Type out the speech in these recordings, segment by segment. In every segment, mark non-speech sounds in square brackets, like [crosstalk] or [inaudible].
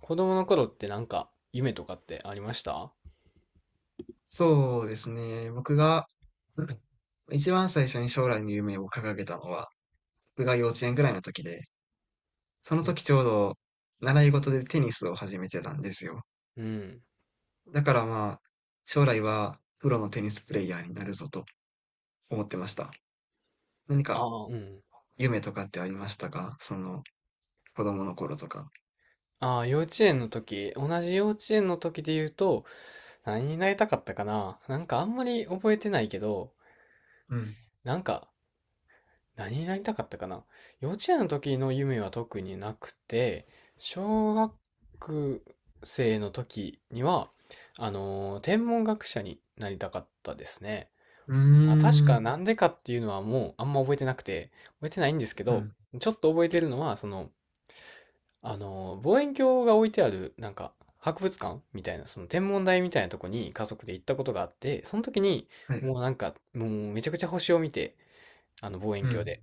子供の頃ってなんか夢とかってありました？そうですね。僕が、[clears throat] うん。一番最初に将来の夢を掲げたのは、僕が幼稚園ぐらいの時で、そのうん。時ちょうど習い事でテニスを始めてたんですよ。うん。だからまあ、将来はプロのテニスプレイヤーになるぞと思ってました。何あかあ、うん。夢とかってありましたか？その子供の頃とか。ああ、幼稚園の時、同じ幼稚園の時で言うと、何になりたかったかな、なんかあんまり覚えてないけど、うん。なんか何になりたかったかな、幼稚園の時の夢は特になくて、小学生の時には、天文学者になりたかったですね。うーまあ、確ん。かなんでかっていうのはもうあんま覚えてなくて、覚えてないんですけうど、ん。ちょっと覚えてるのは、望遠鏡が置いてある、博物館みたいな、その天文台みたいなとこに家族で行ったことがあって、その時に、はい。もうなんか、もうめちゃくちゃ星を見て、あの望遠う鏡ん。で。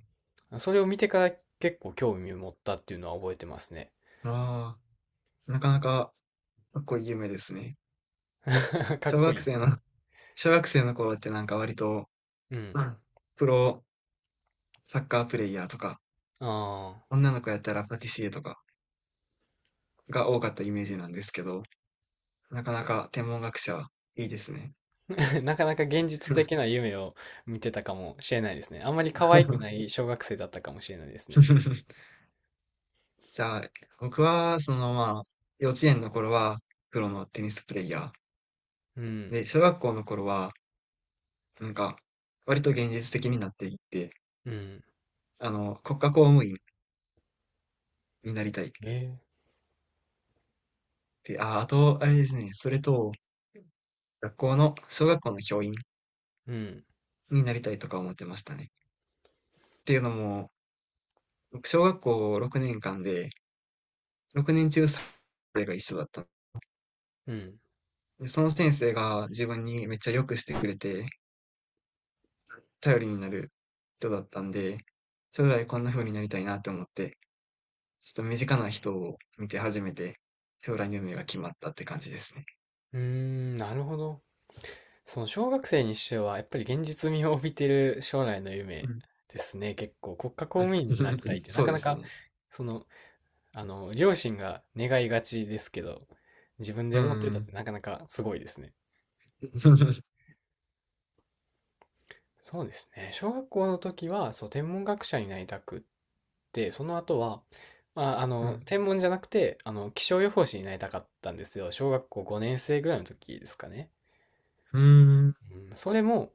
それを見てから結構興味を持ったっていうのは覚えてますね。ああ、なかなかかっこいい夢ですね。[laughs] かっ小こ学い生の、い。[laughs] 小学生の頃ってなんか割と、うん。うん。プロサッカープレイヤーとか、あ女の子やったらパティシエとかが多かったイメージなんですけど、なかなか天文学者いいですね。あ、[laughs] なかなか現実的な夢を見てたかもしれないですね。あんまり可愛くな [laughs] い小学生だったかもしれないですね。じゃあ、僕は、そのまあ、幼稚園の頃はプロのテニスプレイヤうー。ん、で、小学校の頃は、なんか、割と現実的になっていって、うん。国家公務員になりたい。えーで、あと、あれですね、それと、学校の、小学校の教員うん、になりたいとか思ってましたね。っていうのも、僕、小学校6年間で、6年中3生が一緒だったの。うん。で、その先生が自分にめっちゃ良くしてくれて、頼りになる人だったんで、将来こんな風になりたいなって思って、ちょっと身近な人を見て初めて、将来の夢が決まったって感じですね。うーん、なるほど。その小学生にしては、やっぱり現実味を帯びてる将来のう夢ん。ですね。結構、国家公うん 務員になりたいっ [laughs] て、なそうかでなすか、ね。その、両親が願いがちですけど、自分うで思ってたっん。てなかなかすごいですね。[laughs] そうですね。小学校の時は、そう、天文学者になりたくって、その後は、うん。天文じゃなくて、気象予報士になりたかったんですよ。小学校5年生ぐらいの時ですかね。うん。うん、それも、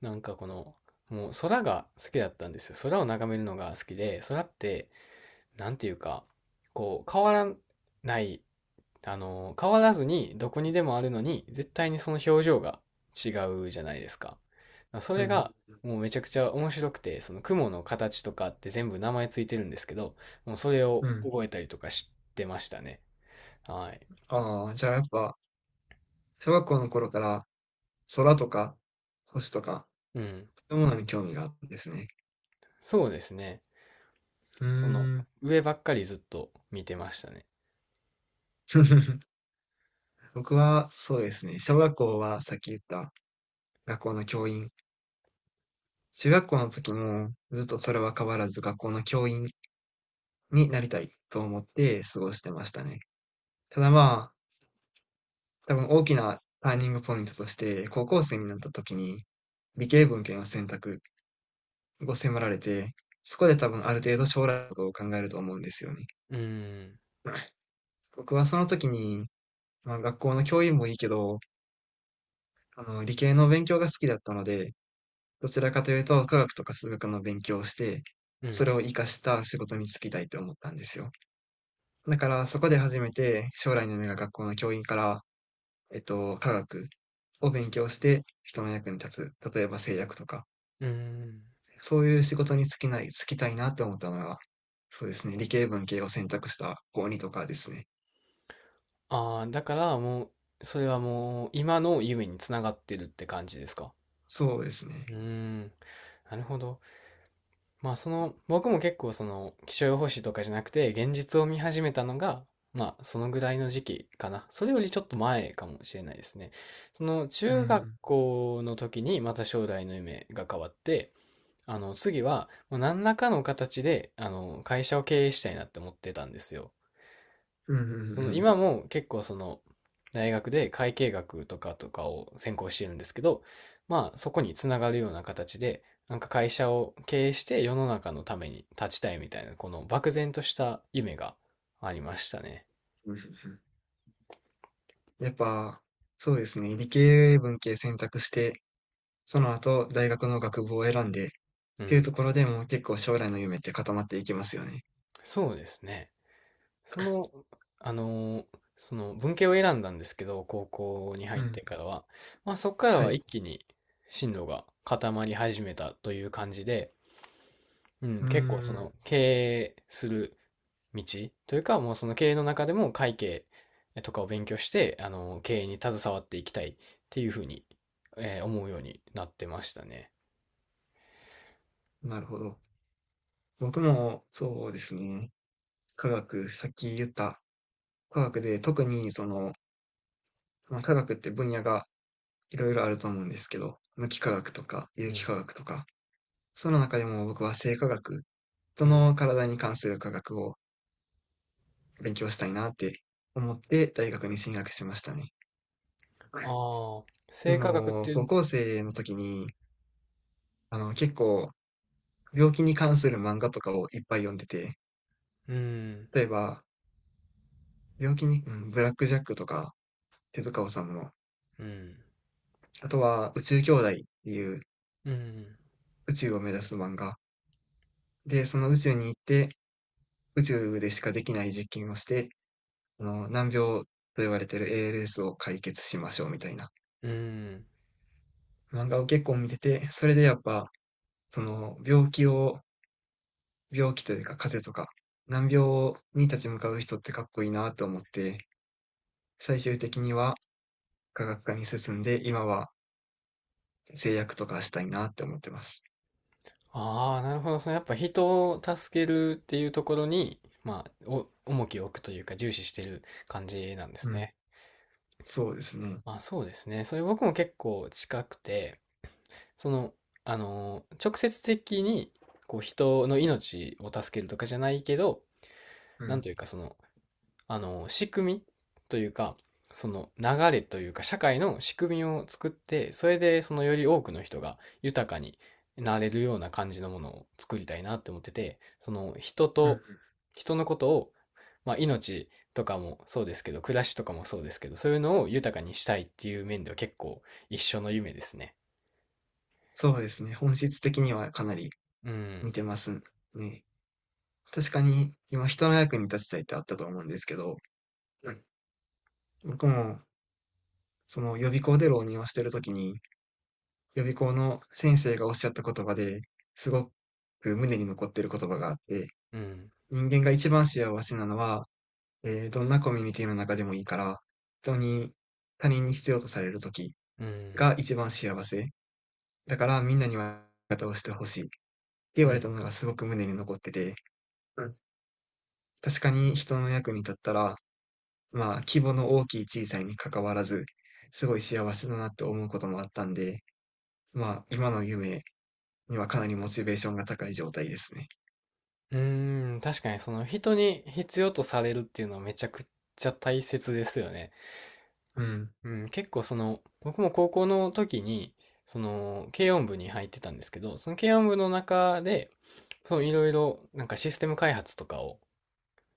なんかこの、もう空が好きだったんですよ。空を眺めるのが好きで、空って、なんていうか、こう、変わらない、あの、変わらずにどこにでもあるのに、絶対にその表情が違うじゃないですか。そうれん。が、もうめちゃくちゃ面白くて、その雲の形とかって全部名前ついてるんですけど、もうそれうをん。覚えたりとかしてましたね。はい。ああ、じゃあやっぱ、小学校の頃から空とか星とか、うん。そういうものに興味があったんですね。そうですね。うーその、ん。上ばっかりずっと見てましたね。[laughs] 僕は、そうですね。小学校はさっき言った学校の教員。中学校の時もずっとそれは変わらず学校の教員になりたいと思って過ごしてましたね。ただまあ、多分大きなターニングポイントとして、高校生になった時に理系文献を選択を迫られて、そこで多分ある程度将来のことを考えると思うんですよね。うん、僕はその時に、まあ、学校の教員もいいけど、理系の勉強が好きだったので、どちらかというと科学とか数学の勉強をして、うそん、れを活かした仕事に就きたいと思ったんですよ。だからそこで初めて将来の夢が学校の教員から、科学を勉強して人の役に立つ。例えば製薬とか、うん。そういう仕事に就きない、就きたいなって思ったのが、そうですね、理系文系を選択した高にとかですね。ああ、だからもう、それはもう、今の夢につながってるって感じですか？そうですね。うーん、なるほど。まあ、その、僕も結構その、気象予報士とかじゃなくて、現実を見始めたのが、まあ、そのぐらいの時期かな。それよりちょっと前かもしれないですね。その、う中学ん。校の時に、また将来の夢が変わって、次は、もう何らかの形で、会社を経営したいなって思ってたんですよ。うんうんうんうそのん。今も結構その大学で会計学とかを専攻してるんですけど、まあそこにつながるような形で、なんか会社を経営して世の中のために立ちたいみたいな、この漠然とした夢がありましたね。うんうんうん、やっぱ、そうですね。理系文系選択して、その後大学の学部を選んで、っうていうとん。ころでもう結構将来の夢って固まっていきますよね。そうですね。その、あのその文系を選んだんですけど、高校にう入ってん。からは、まあそこからはは一い。気に進路が固まり始めたという感じで、ううん、ー結構そん。の経営する道というか、もうその経営の中でも会計とかを勉強して、あの、経営に携わっていきたいっていうふうに、思うようになってましたね。なるほど。僕もそうですね。科学、さっき言った科学で特にその、まあ、科学って分野がいろいろあると思うんですけど、無機化学とか有う機ん。化学とか、その中でも僕は生化学、人うん。の体に関する科学を勉強したいなって思って大学に進学しましたね。っああ、てい生うの化学っても、い高う、校生の時に、結構、病気に関する漫画とかをいっぱい読んでて、うん、例えば、病気に、うん、ブラックジャックとか、手塚治虫の、うん、あとは、宇宙兄弟っていううん、宇宙を目指す漫画。で、その宇宙に行って、宇宙でしかできない実験をして、難病と言われてる ALS を解決しましょうみたいなうん。漫画を結構見てて、それでやっぱ、その病気を病気というか風邪とか、難病に立ち向かう人ってかっこいいなと思って、最終的には科学科に進んで、今は製薬とかしたいなって思ってます。ああ、なるほど。そのやっぱ人を助けるっていうところに、重きを置くというか重視してる感じなんですうん、ね。そうですね。あ、そうですね。それ僕も結構近くて、その、あのー、直接的に、こう、人の命を助けるとかじゃないけど、うなんん、というか、その、あのー、仕組みというか、その流れというか、社会の仕組みを作って、それで、そのより多くの人が豊かになれるような感じのものを作りたいなって思ってて、その、人うん、と、人のことを、まあ、命とかもそうですけど、暮らしとかもそうですけど、そういうのを豊かにしたいっていう面では結構一緒の夢ですね。そうですね。本質的にはかなりうん、似てますね。確かに今人の役に立ちたいってあったと思うんですけど、うん、僕もその予備校で浪人をしてる時に、予備校の先生がおっしゃった言葉ですごく胸に残ってる言葉があって、うん。人間が一番幸せなのは、どんなコミュニティの中でもいいから、人に、他人に必要とされる時うん、が一番幸せ。だからみんなには味方をしてほしいって言うわれん、たのがすごく胸に残ってて、うん、確かに人の役に立ったら、まあ規模の大きい小さいに関わらず、すごい幸せだなって思うこともあったんで、まあ今の夢にはかなりモチベーションが高い状態ですね。うーん、確かにその人に必要とされるっていうのはめちゃくちゃ大切ですよね。うん、うん、結構その、僕も高校の時に、その、軽音部に入ってたんですけど、その軽音部の中で、そのいろいろなんかシステム開発とかを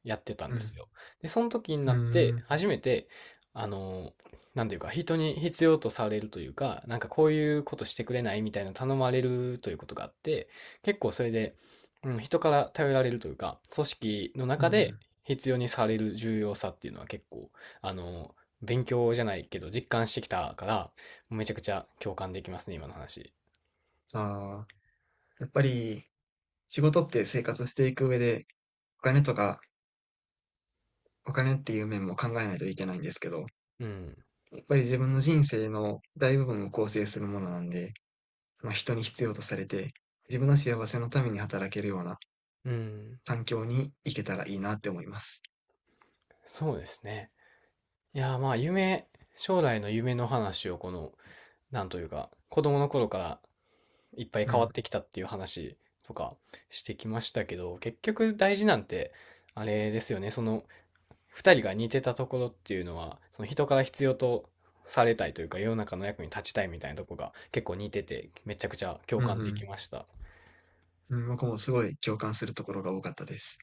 やってたんうでん、すよ。で、その時にうなって、ん、初めて、あの、なんていうか、人に必要とされるというか、なんかこういうことしてくれないみたいな頼まれるということがあって、結構それで、うん、人から頼られるというか、組織のうん、う中でん。必要にされる重要さっていうのは結構、あの、勉強じゃないけど実感してきたから、めちゃくちゃ共感できますね、今の話。ああ、やっぱり仕事って生活していく上で、お金とか、お金っていう面も考えないといけないんですけど、うん。やっぱり自分の人生の大部分を構成するものなんで、まあ、人に必要とされて、自分の幸せのために働けるようなうん。環境に行けたらいいなって思います。そうですね。いやー、まあ、夢、将来の夢の話をこのなんというか、子供の頃からいっぱいう変わっん。てきたっていう話とかしてきましたけど、結局大事なんて、あれですよね、その、二人が似てたところっていうのは、その人から必要とされたいというか、世の中の役に立ちたいみたいなところが結構似てて、めちゃくちゃ共う感できんました。うん。うん、僕もすごい共感するところが多かったです。